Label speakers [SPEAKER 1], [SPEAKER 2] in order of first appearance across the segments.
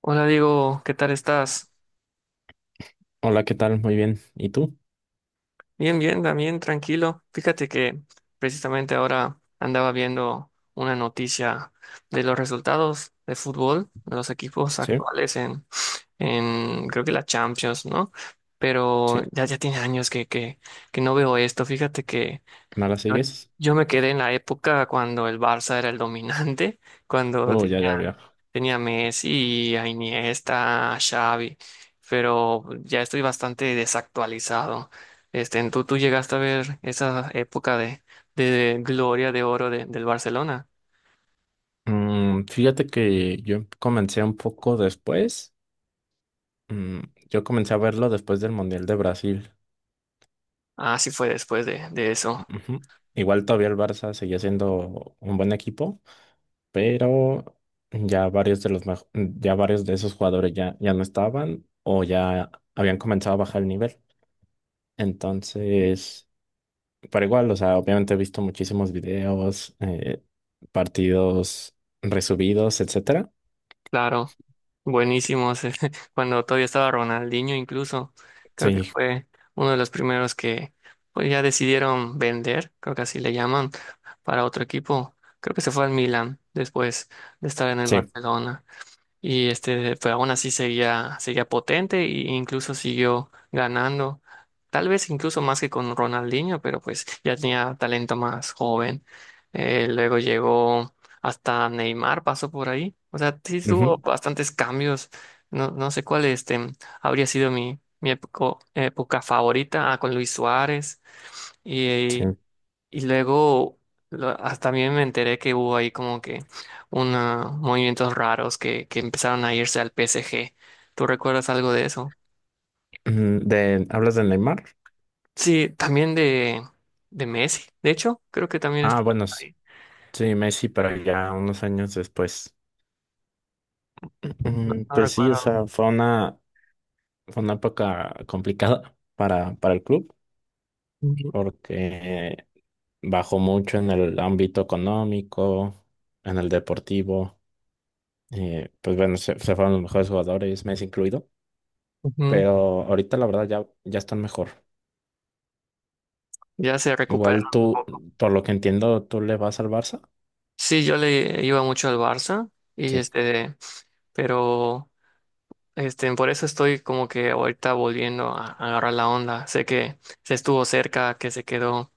[SPEAKER 1] Hola Diego, ¿qué tal estás?
[SPEAKER 2] Hola, ¿qué tal? Muy bien. ¿Y tú?
[SPEAKER 1] Bien, bien, también tranquilo. Fíjate que precisamente ahora andaba viendo una noticia de los resultados de fútbol, de los equipos
[SPEAKER 2] Sí,
[SPEAKER 1] actuales en creo que la Champions, ¿no? Pero
[SPEAKER 2] sí.
[SPEAKER 1] ya, ya tiene años que no veo esto. Fíjate que
[SPEAKER 2] ¿No la
[SPEAKER 1] yo,
[SPEAKER 2] sigues?
[SPEAKER 1] yo me quedé en la época cuando el Barça era el dominante, cuando
[SPEAKER 2] Oh, ya, ya
[SPEAKER 1] tenía
[SPEAKER 2] veo.
[SPEAKER 1] tenía a Messi, a Iniesta, a Xavi, pero ya estoy bastante desactualizado. Este, ¿tú llegaste a ver esa época de gloria de oro del Barcelona?
[SPEAKER 2] Fíjate que yo comencé un poco después. Mm, yo comencé a verlo después del Mundial de Brasil.
[SPEAKER 1] Ah, sí fue después de eso.
[SPEAKER 2] Ujú. Igual todavía el Barça seguía siendo un buen equipo, pero ya varios de esos jugadores ya no estaban o ya habían comenzado a bajar el nivel.
[SPEAKER 1] Sí.
[SPEAKER 2] Entonces. Pero igual, o sea, obviamente he visto muchísimos videos, partidos resubidos, etcétera.
[SPEAKER 1] Claro, buenísimos. Cuando todavía estaba Ronaldinho incluso, creo que
[SPEAKER 2] Sí,
[SPEAKER 1] fue uno de los primeros que pues, ya decidieron vender, creo que así le llaman, para otro equipo. Creo que se fue al Milan después de estar en el
[SPEAKER 2] sí,
[SPEAKER 1] Barcelona. Y este, pues aún así seguía, seguía potente e incluso siguió ganando. Tal vez incluso más que con Ronaldinho, pero pues ya tenía talento más joven. Luego llegó hasta Neymar, pasó por ahí. O sea, sí tuvo
[SPEAKER 2] ujú,
[SPEAKER 1] bastantes cambios. No, no sé cuál este habría sido mi época, época favorita. Ah, con Luis Suárez. y
[SPEAKER 2] sí.
[SPEAKER 1] y luego hasta también me enteré que hubo ahí como que unos movimientos raros que empezaron a irse al PSG. ¿Tú recuerdas algo de eso?
[SPEAKER 2] ¿Hablas de Neymar?
[SPEAKER 1] Sí, también de Messi. De hecho, creo que también
[SPEAKER 2] Ah,
[SPEAKER 1] estuvo
[SPEAKER 2] bueno,
[SPEAKER 1] ahí.
[SPEAKER 2] sí, Messi, pero ya unos años después.
[SPEAKER 1] No, no
[SPEAKER 2] Pues sí, o
[SPEAKER 1] recuerdo.
[SPEAKER 2] sea, fue una época complicada para el club,
[SPEAKER 1] Ujú,
[SPEAKER 2] porque bajó mucho en el ámbito económico, en el deportivo. Pues bueno, se fueron los mejores jugadores, Messi incluido.
[SPEAKER 1] ujú.
[SPEAKER 2] Pero ahorita la verdad ya están mejor.
[SPEAKER 1] Ya se
[SPEAKER 2] Igual
[SPEAKER 1] recuperaron un
[SPEAKER 2] tú,
[SPEAKER 1] poco.
[SPEAKER 2] por lo que entiendo, tú le vas al Barça.
[SPEAKER 1] Sí, yo le iba mucho al Barça y
[SPEAKER 2] Sí,
[SPEAKER 1] este, pero este, por eso estoy como que ahorita volviendo a agarrar la onda. Sé que se estuvo cerca, que se quedó,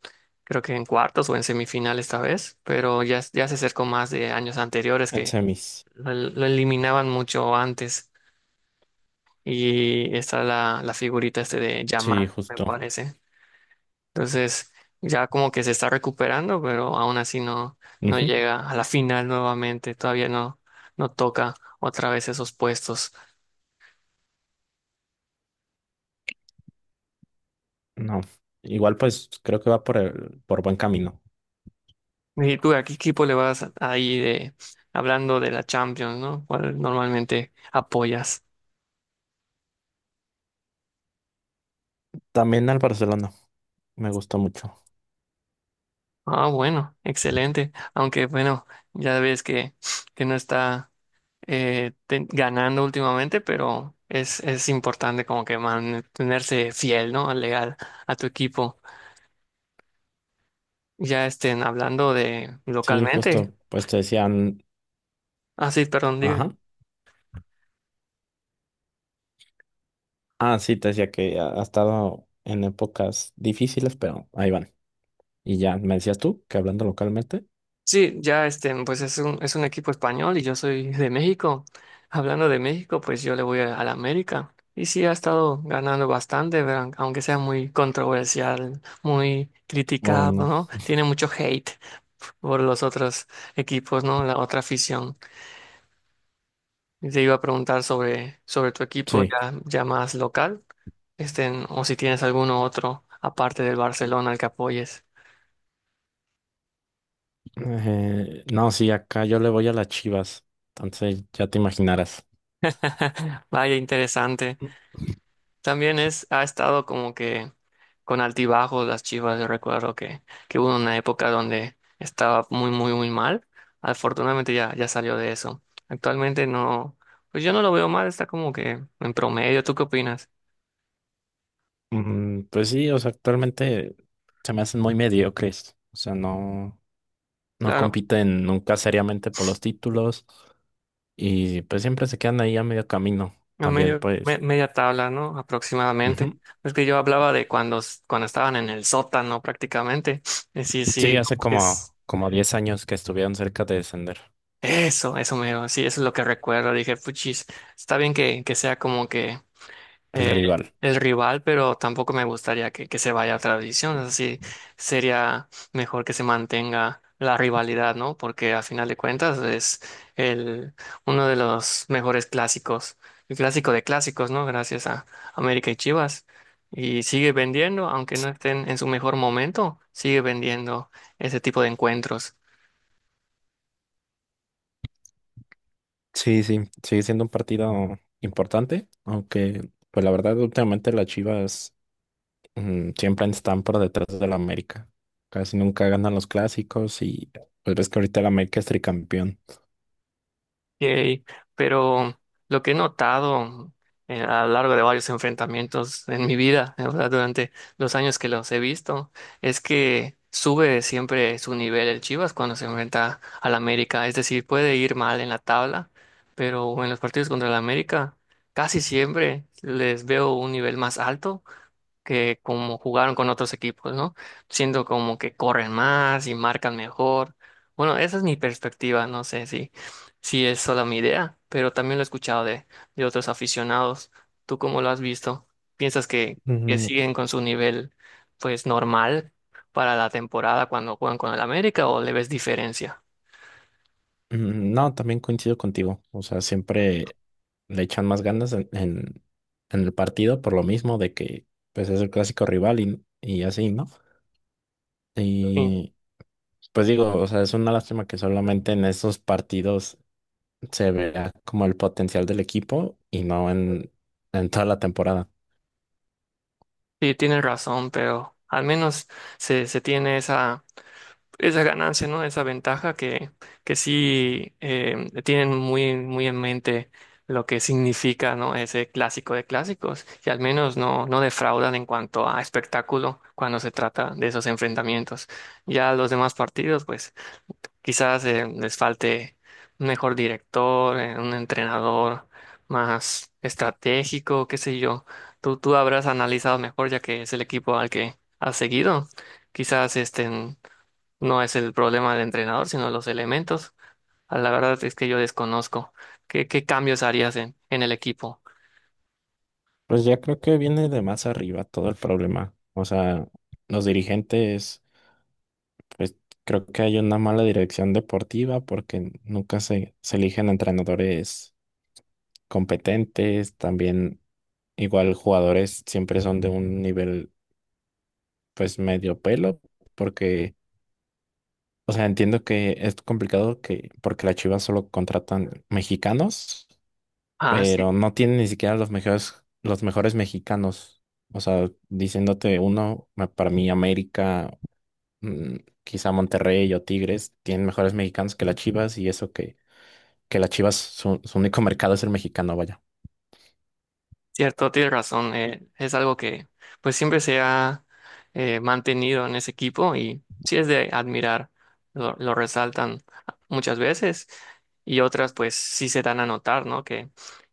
[SPEAKER 1] creo que en cuartos o en semifinal esta vez, pero ya, ya se acercó más de años anteriores
[SPEAKER 2] en
[SPEAKER 1] que
[SPEAKER 2] semis.
[SPEAKER 1] lo eliminaban mucho antes. Y está la figurita este de Yamal,
[SPEAKER 2] Sí,
[SPEAKER 1] me
[SPEAKER 2] justo.
[SPEAKER 1] parece. Entonces, ya como que se está recuperando, pero aún así no, no
[SPEAKER 2] Ujú,
[SPEAKER 1] llega a la final nuevamente. Todavía no, no toca otra vez esos puestos.
[SPEAKER 2] no. Igual pues creo que va por por buen camino.
[SPEAKER 1] ¿Y tú a qué equipo le vas ahí de hablando de la Champions, ¿no? ¿Cuál normalmente apoyas?
[SPEAKER 2] También al Barcelona, me gustó mucho.
[SPEAKER 1] Ah, bueno, excelente. Aunque bueno, ya ves que no está ganando últimamente, pero es importante como que mantenerse fiel, ¿no? Legal a tu equipo. Ya estén hablando de
[SPEAKER 2] Sí,
[SPEAKER 1] localmente.
[SPEAKER 2] justo, pues te decían,
[SPEAKER 1] Ah, sí, perdón, diga.
[SPEAKER 2] ajá. Ah, sí, te decía que ha estado en épocas difíciles, pero ahí van. Y ya, me decías tú que hablando localmente.
[SPEAKER 1] Sí, ya este, pues es un equipo español y yo soy de México. Hablando de México, pues yo le voy a la América. Y sí, ha estado ganando bastante, pero aunque sea muy controversial, muy
[SPEAKER 2] Oh,
[SPEAKER 1] criticado,
[SPEAKER 2] no.
[SPEAKER 1] ¿no? Tiene mucho hate por los otros equipos, ¿no? La otra afición. Y te iba a preguntar sobre, sobre tu equipo
[SPEAKER 2] Sí.
[SPEAKER 1] ya, ya más local, este, o si tienes alguno otro aparte del Barcelona al que apoyes.
[SPEAKER 2] No, sí, acá yo le voy a las Chivas, entonces ya te imaginarás.
[SPEAKER 1] Vaya, interesante. También es, ha estado como que con altibajos las Chivas. Yo recuerdo que hubo una época donde estaba muy, muy, muy mal. Afortunadamente ya, ya salió de eso. Actualmente no, pues yo no lo veo mal, está como que en promedio. ¿Tú qué opinas?
[SPEAKER 2] Pues sí, o sea, actualmente se me hacen muy mediocres, o sea, no
[SPEAKER 1] Claro,
[SPEAKER 2] compiten nunca seriamente por los títulos y pues siempre se quedan ahí a medio camino
[SPEAKER 1] a
[SPEAKER 2] también,
[SPEAKER 1] medio,
[SPEAKER 2] pues.
[SPEAKER 1] media tabla, ¿no? Aproximadamente.
[SPEAKER 2] Ujú.
[SPEAKER 1] Es que yo hablaba de cuando, cuando estaban en el sótano prácticamente. Sí,
[SPEAKER 2] Sí,
[SPEAKER 1] sí,
[SPEAKER 2] hace
[SPEAKER 1] es
[SPEAKER 2] como 10 años que estuvieron cerca de descender
[SPEAKER 1] eso me, sí, eso es lo que recuerdo. Dije, puchis, está bien que sea como que
[SPEAKER 2] el
[SPEAKER 1] eh,
[SPEAKER 2] rival.
[SPEAKER 1] el rival, pero tampoco me gustaría que se vaya a otra división. Así sería mejor que se mantenga la rivalidad, ¿no? Porque a final de cuentas es el, uno de los mejores clásicos, el clásico de clásicos, ¿no? Gracias a América y Chivas. Y sigue vendiendo, aunque no estén en su mejor momento, sigue vendiendo ese tipo de encuentros.
[SPEAKER 2] Sí, sí, sigue siendo un partido importante, aunque pues la verdad últimamente las Chivas siempre están por detrás del América. Casi nunca ganan los clásicos y pues ves que ahorita el América es tricampeón.
[SPEAKER 1] Yay. Pero lo que he notado a lo largo de varios enfrentamientos en mi vida, o sea, durante los años que los he visto, es que sube siempre su nivel el Chivas cuando se enfrenta al América. Es decir, puede ir mal en la tabla, pero en los partidos contra el América casi siempre les veo un nivel más alto que como jugaron con otros equipos, ¿no? Siento como que corren más y marcan mejor. Bueno, esa es mi perspectiva, no sé si, si es solo mi idea, pero también lo he escuchado de otros aficionados. ¿Tú cómo lo has visto? ¿Piensas que
[SPEAKER 2] Mm,
[SPEAKER 1] siguen con su nivel, pues, normal para la temporada cuando juegan con el América o le ves diferencia?
[SPEAKER 2] No, también coincido contigo. O sea, siempre le echan más ganas en el partido por lo mismo de que pues es el clásico rival y así, ¿no?
[SPEAKER 1] Sí,
[SPEAKER 2] Y pues digo, o sea, es una lástima que solamente en esos partidos se vea como el potencial del equipo y no en, en toda la temporada.
[SPEAKER 1] sí, tienes razón, pero al menos se, se tiene esa ganancia, ¿no? Esa ventaja que sí tienen muy, muy en mente lo que significa, ¿no? Ese clásico de clásicos y al menos no, no defraudan en cuanto a espectáculo cuando se trata de esos enfrentamientos. Ya los demás partidos, pues quizás les falte un mejor director, un entrenador más estratégico, qué sé yo. Tú habrás analizado mejor ya que es el equipo al que has seguido. Quizás este no es el problema del entrenador, sino los elementos. Ah, la verdad es que yo desconozco. ¿Qué, qué cambios harías en el equipo?
[SPEAKER 2] Pues ya creo que viene de más arriba todo el problema. O sea, los dirigentes, pues creo que hay una mala dirección deportiva porque nunca se eligen entrenadores competentes, también igual jugadores siempre son de un nivel pues medio pelo, porque, o sea, entiendo que es complicado que, porque las Chivas solo contratan mexicanos
[SPEAKER 1] Ah, sí.
[SPEAKER 2] pero no tiene ni siquiera los mejores mexicanos. O sea, diciéndote uno, para mí América, mm, quizá Monterrey o Tigres, tienen mejores mexicanos que las Chivas y eso que las Chivas, su único mercado es el mexicano, vaya.
[SPEAKER 1] Cierto, tienes razón. Es algo que pues siempre se ha mantenido en ese equipo y sí es de admirar. Lo resaltan muchas veces y otras pues sí se dan a notar, ¿no? Que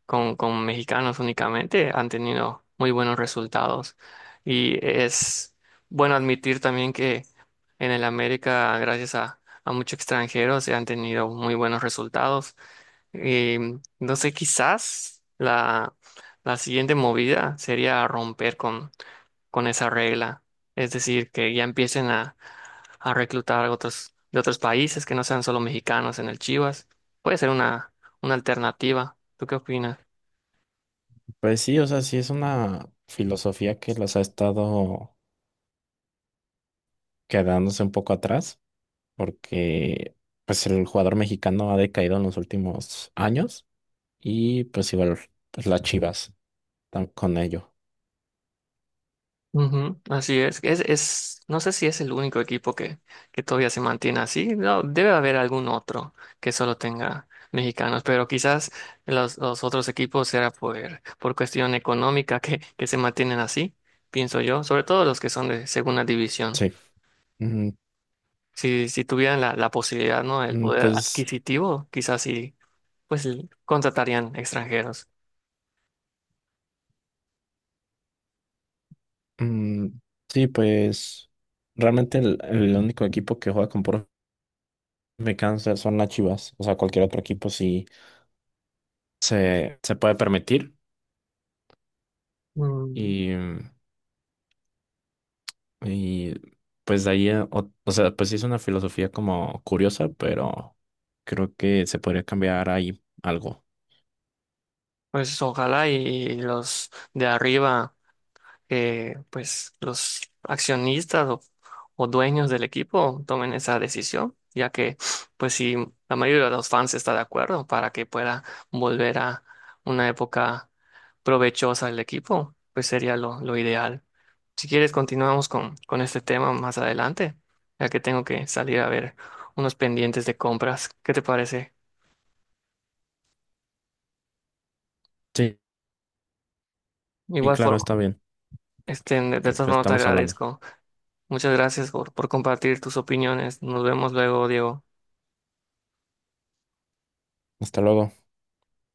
[SPEAKER 1] con mexicanos únicamente han tenido muy buenos resultados. Y es bueno admitir también que en el América, gracias a muchos extranjeros, se han tenido muy buenos resultados. Entonces quizás la siguiente movida sería romper con esa regla, es decir, que ya empiecen a reclutar otros, de otros países que no sean solo mexicanos en el Chivas. Puede ser una alternativa. ¿Tú qué opinas?
[SPEAKER 2] Pues sí, o sea, sí es una filosofía que las ha estado quedándose un poco atrás porque pues el jugador mexicano ha decaído en los últimos años y pues igual pues, las Chivas con ello.
[SPEAKER 1] Ujú, así es. Es, no sé si es el único equipo que todavía se mantiene así. No, debe haber algún otro que solo tenga mexicanos, pero quizás los otros equipos será por cuestión económica que se mantienen así, pienso yo, sobre todo los que son de segunda división.
[SPEAKER 2] Sí.
[SPEAKER 1] Si, si tuvieran la posibilidad, ¿no? El
[SPEAKER 2] Mm,
[SPEAKER 1] poder
[SPEAKER 2] Pues
[SPEAKER 1] adquisitivo, quizás sí, pues contratarían extranjeros.
[SPEAKER 2] mm, sí, pues realmente el único equipo que juega con puro cáncer son las Chivas. O sea, cualquier otro equipo sí se puede permitir.
[SPEAKER 1] Mm,
[SPEAKER 2] Y, y pues de ahí, o sea, pues sí es una filosofía como curiosa, pero creo que se podría cambiar ahí algo.
[SPEAKER 1] pues ojalá y los de arriba. Que pues los accionistas o dueños del equipo tomen esa decisión, ya que pues si la mayoría de los fans está de acuerdo para que pueda volver a una época provechosa del equipo, pues sería lo ideal. Si quieres, continuamos con este tema más adelante, ya que tengo que salir a ver unos pendientes de compras. ¿Qué te parece?
[SPEAKER 2] Sí,
[SPEAKER 1] De
[SPEAKER 2] y
[SPEAKER 1] igual
[SPEAKER 2] claro,
[SPEAKER 1] forma,
[SPEAKER 2] está bien,
[SPEAKER 1] este, de
[SPEAKER 2] que
[SPEAKER 1] todas
[SPEAKER 2] pues,
[SPEAKER 1] formas te
[SPEAKER 2] estamos hablando.
[SPEAKER 1] agradezco. Muchas gracias por compartir tus opiniones. Nos vemos luego, Diego.
[SPEAKER 2] Hasta luego.